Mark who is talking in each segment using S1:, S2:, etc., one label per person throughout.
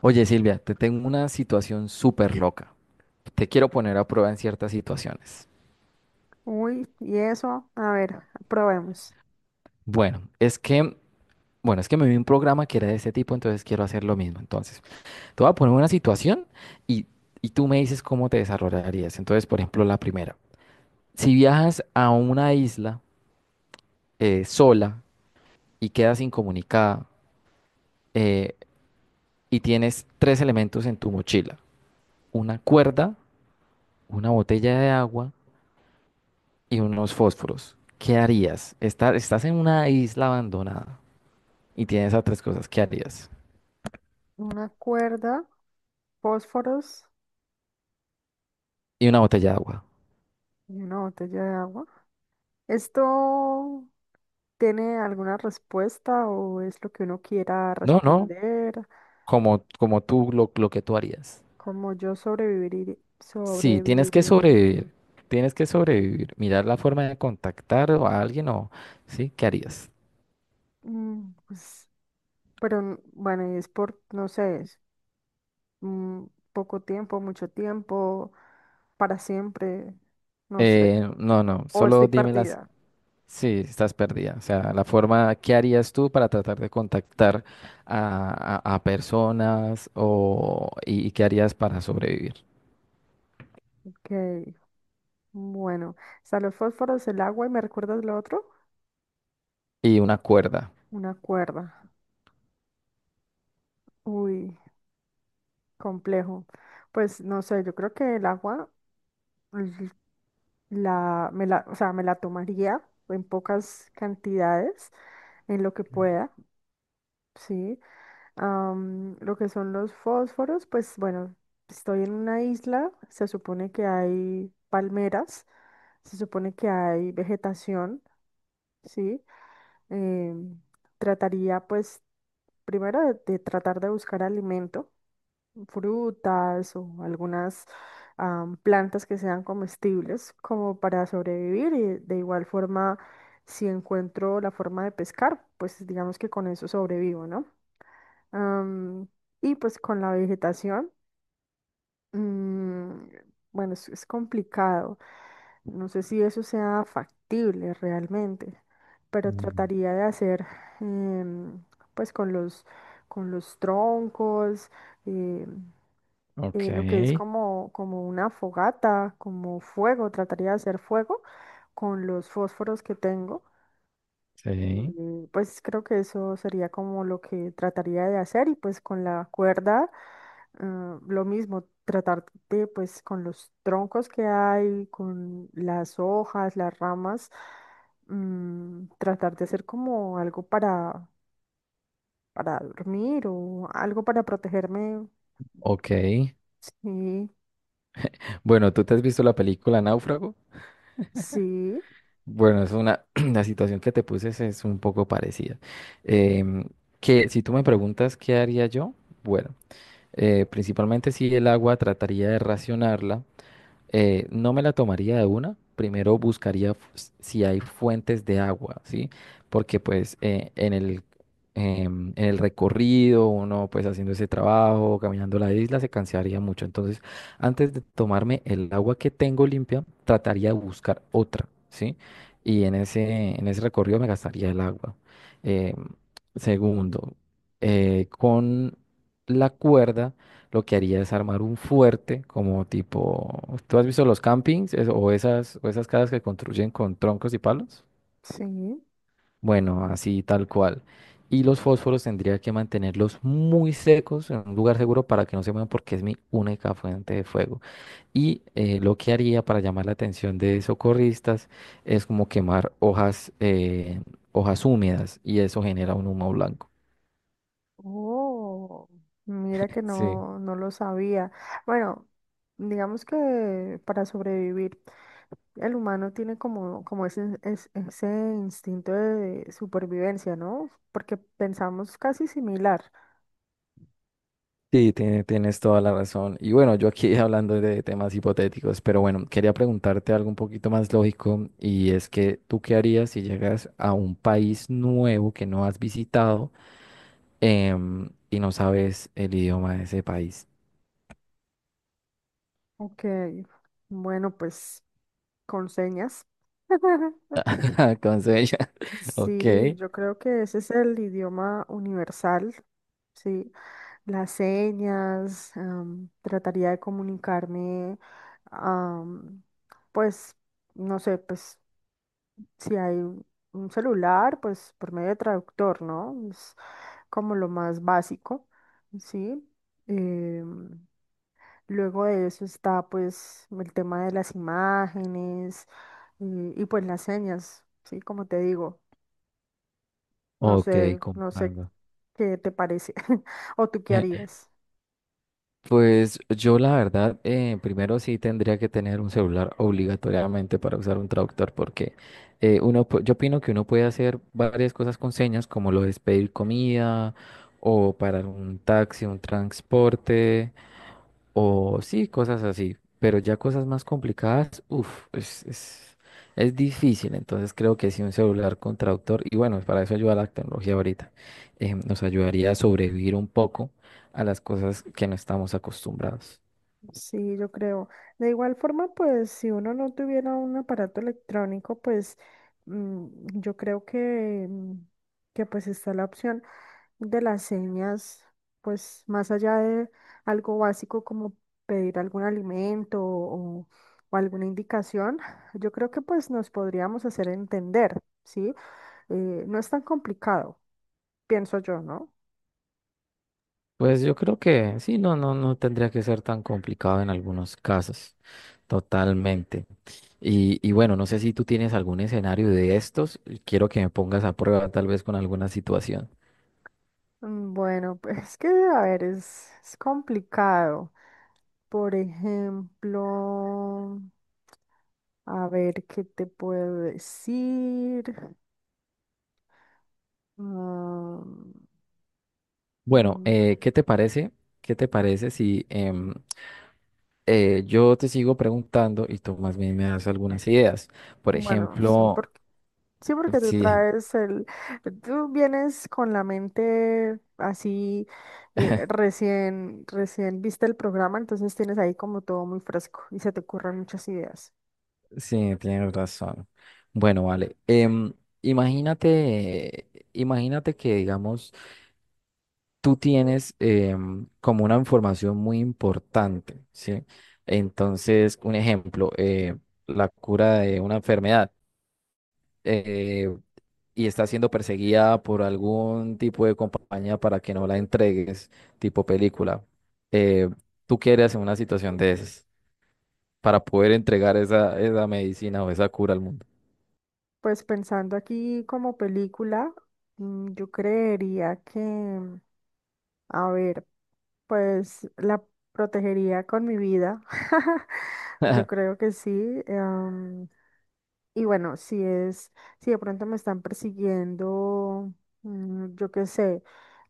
S1: Oye, Silvia, te tengo una situación súper loca. Te quiero poner a prueba en ciertas situaciones.
S2: Uy, y eso, a ver, probemos.
S1: Bueno, es que, bueno, es que me vi un programa que era de ese tipo, entonces quiero hacer lo mismo. Entonces, te voy a poner una situación y, y tú me dices cómo te desarrollarías. Entonces, por ejemplo, la primera. Si viajas a una isla sola y quedas incomunicada eh, y tienes tres elementos en tu mochila, una cuerda, una botella de agua y unos fósforos. ¿Qué harías? Estás en una isla abandonada y tienes esas tres cosas. ¿Qué harías?
S2: Una cuerda, fósforos
S1: Y una botella de agua.
S2: y una botella de agua. ¿Esto tiene alguna respuesta o es lo que uno quiera
S1: No, no,
S2: responder?
S1: como, como tú, lo que tú harías.
S2: ¿Cómo yo sobreviviría?
S1: Sí, tienes que
S2: Sobreviviría.
S1: sobrevivir. Tienes que sobrevivir. Mirar la forma de contactar a alguien o ¿sí? ¿Qué harías?
S2: Pues, pero bueno, y es por, no sé, es, mm, poco tiempo, mucho tiempo, para siempre, no sé.
S1: No, no,
S2: O estoy
S1: solo dímelas.
S2: partida.
S1: Sí, estás perdida. O sea, la forma, ¿qué harías tú para tratar de contactar a personas o, y qué harías para sobrevivir?
S2: Ok. Bueno, o sea los fósforos, el agua y me recuerdas lo otro,
S1: Y una cuerda.
S2: una cuerda. Uy, complejo. Pues no sé, yo creo que el agua l- la, me la, o sea, me la tomaría en pocas cantidades, en lo que pueda, sí. Lo que son los fósforos, pues bueno, estoy en una isla, se supone que hay palmeras, se supone que hay vegetación, sí. Em, trataría pues primero de tratar de buscar alimento, frutas o algunas plantas que sean comestibles como para sobrevivir. Y de igual forma, si encuentro la forma de pescar, pues digamos que con eso sobrevivo, ¿no? Am, y pues con la vegetación. Mm, bueno, es complicado. No sé si eso sea factible realmente, pero
S1: Mm,
S2: trataría de hacer, em, pues con con los troncos, em,
S1: Ok,
S2: lo que es como, como una fogata, como fuego. Trataría de hacer fuego con los fósforos que tengo.
S1: sí,
S2: Y pues creo que eso sería como lo que trataría de hacer. Y pues con la cuerda, ah, lo mismo, tratar de, pues con los troncos que hay, con las hojas, las ramas, tratar de hacer como algo para dormir o algo para protegerme.
S1: ok.
S2: Sí,
S1: Bueno, ¿tú te has visto la película Náufrago?
S2: sí,
S1: Bueno, es una, la situación que te puse es un poco parecida. Em, que si tú me preguntas qué haría yo, bueno, principalmente si el agua trataría de racionarla no me la tomaría de una. Primero buscaría si hay fuentes de agua, ¿sí? Porque pues en el recorrido, uno pues haciendo ese trabajo, caminando la isla, se cansaría mucho. Entonces, antes de tomarme el agua que tengo limpia, trataría de buscar otra, ¿sí? Y en ese recorrido me gastaría el agua. Em, segundo, con la cuerda lo que haría es armar un fuerte, como tipo, ¿tú has visto los campings o esas casas que construyen con troncos y palos?
S2: sí.
S1: Bueno, así tal cual. Y los fósforos tendría que mantenerlos muy secos en un lugar seguro para que no se muevan porque es mi única fuente de fuego. Y lo que haría para llamar la atención de socorristas es como quemar hojas, hojas húmedas y eso genera un humo blanco.
S2: Oh, mira que
S1: Sí.
S2: no, no lo sabía. Bueno, digamos que para sobrevivir. El humano tiene como, como ese, ese instinto de supervivencia, ¿no? Porque pensamos casi similar.
S1: Sí, tienes toda la razón. Y bueno, yo aquí hablando de temas hipotéticos, pero bueno, quería preguntarte algo un poquito más lógico y es que tú qué harías si llegas a un país nuevo que no has visitado y no sabes el idioma de ese país.
S2: Ok, bueno, pues con señas.
S1: Con sueño. Ok,
S2: Sí, yo creo que ese es el idioma universal, sí. Las señas, trataría de comunicarme, am, pues, no sé, pues si hay un celular, pues por medio de traductor, ¿no? Como lo más básico, ¿sí? Em, luego de eso está pues el tema de las imágenes, y pues las señas, ¿sí? Como te digo, no
S1: ok,
S2: sé, no sé
S1: comprando.
S2: qué te parece, o tú qué harías.
S1: Pues yo la verdad, primero sí tendría que tener un celular obligatoriamente para usar un traductor porque yo opino que uno puede hacer varias cosas con señas como lo es pedir comida o parar un taxi, un transporte. O sí, cosas así, pero ya cosas más complicadas, uff, es difícil. Entonces creo que sí un celular con traductor, y bueno, para eso ayuda la tecnología ahorita, nos ayudaría a sobrevivir un poco a las cosas que no estamos acostumbrados.
S2: Sí, yo creo. De igual forma, pues si uno no tuviera un aparato electrónico, pues mm, yo creo que, que pues está la opción de las señas. Pues más allá de algo básico como pedir algún alimento o alguna indicación, yo creo que pues nos podríamos hacer entender, ¿sí? No es tan complicado, pienso yo, ¿no?
S1: Pues yo creo que sí, no, no, no tendría que ser tan complicado en algunos casos, totalmente. Y bueno, no sé si tú tienes algún escenario de estos, quiero que me pongas a prueba tal vez con alguna situación.
S2: Bueno, pues es que, a ver, es complicado. Por ejemplo, a ver, ¿qué te puedo decir? Mm,
S1: Bueno,
S2: mm,
S1: ¿qué te parece? ¿Qué te parece si yo te sigo preguntando y tú más bien me das algunas ideas? Por
S2: bueno, sí.
S1: ejemplo,
S2: Sí, porque
S1: sí,
S2: tú vienes con la mente así, recién viste el programa. Entonces tienes ahí como todo muy fresco y se te ocurren muchas ideas.
S1: sí, tienes razón. Bueno, vale. Imagínate, imagínate que, digamos, tú tienes como una información muy importante, ¿sí? Entonces, un ejemplo, la cura de una enfermedad. Eh, y está siendo perseguida por algún tipo de compañía para que no la entregues, tipo película, eh, ¿tú qué harías en una situación de esas para poder entregar esa medicina o esa cura al mundo?
S2: Pues pensando aquí como película, yo creería que, a ver, pues la protegería con mi vida. Yo creo que sí. em, Y bueno, si de pronto me están persiguiendo, yo qué sé,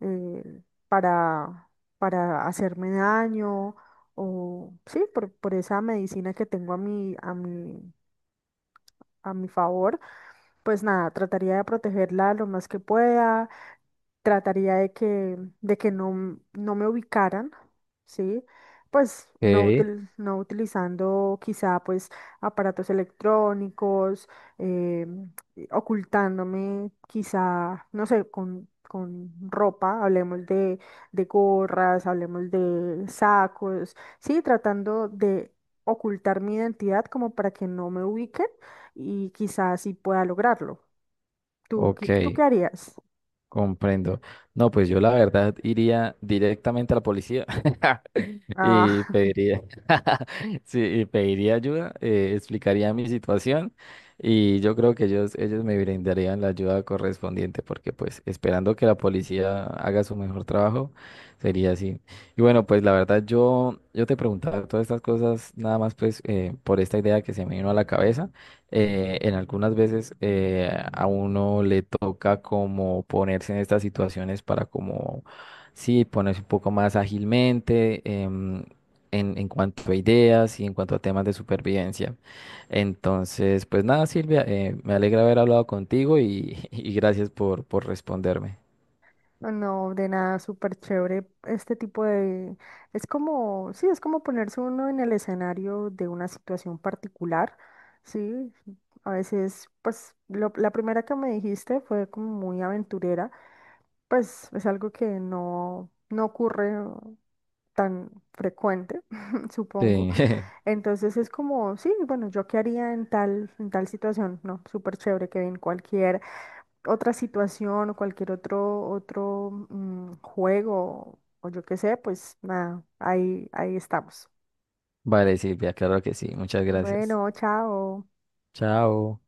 S2: eh, para, para hacerme daño o sí, por esa medicina que tengo a a mi favor. Pues nada, trataría de protegerla lo más que pueda, trataría de de que no, no me ubicaran, ¿sí? Pues no,
S1: Ok,
S2: no utilizando quizá pues aparatos electrónicos, eh, y ocultándome quizá, no sé, con ropa, hablemos de gorras, hablemos de sacos, sí, tratando de ocultar mi identidad como para que no me ubiquen. Y quizás sí pueda lograrlo.
S1: ok.
S2: ¿Tú qué harías?
S1: Comprendo. No, pues yo la verdad iría directamente a la policía y
S2: Ah,
S1: pediría, sí, y pediría ayuda, explicaría mi situación y yo creo que ellos me brindarían la ayuda correspondiente porque pues esperando que la policía haga su mejor trabajo sería así. Y bueno, pues la verdad yo te preguntaba todas estas cosas nada más pues por esta idea que se me vino a la cabeza en algunas veces a uno le toca como ponerse en estas situaciones para como, sí, ponerse un poco más ágilmente en cuanto a ideas y en cuanto a temas de supervivencia. Entonces, pues nada, Silvia, me alegra haber hablado contigo y gracias por responderme.
S2: no, de nada, súper chévere este tipo de... Es como, sí, es como ponerse uno en el escenario de una situación particular, ¿sí? A veces, pues, la primera que me dijiste fue como muy aventurera, pues es algo que no, no ocurre tan frecuente, supongo.
S1: Sí,
S2: Entonces es como, sí, bueno, ¿yo qué haría en tal situación? No, súper chévere que en cualquier otra situación o cualquier otro, otro juego o yo qué sé, pues nada, ahí, ahí estamos.
S1: vale, Silvia, claro que sí, muchas gracias.
S2: Bueno, chao.
S1: Chao.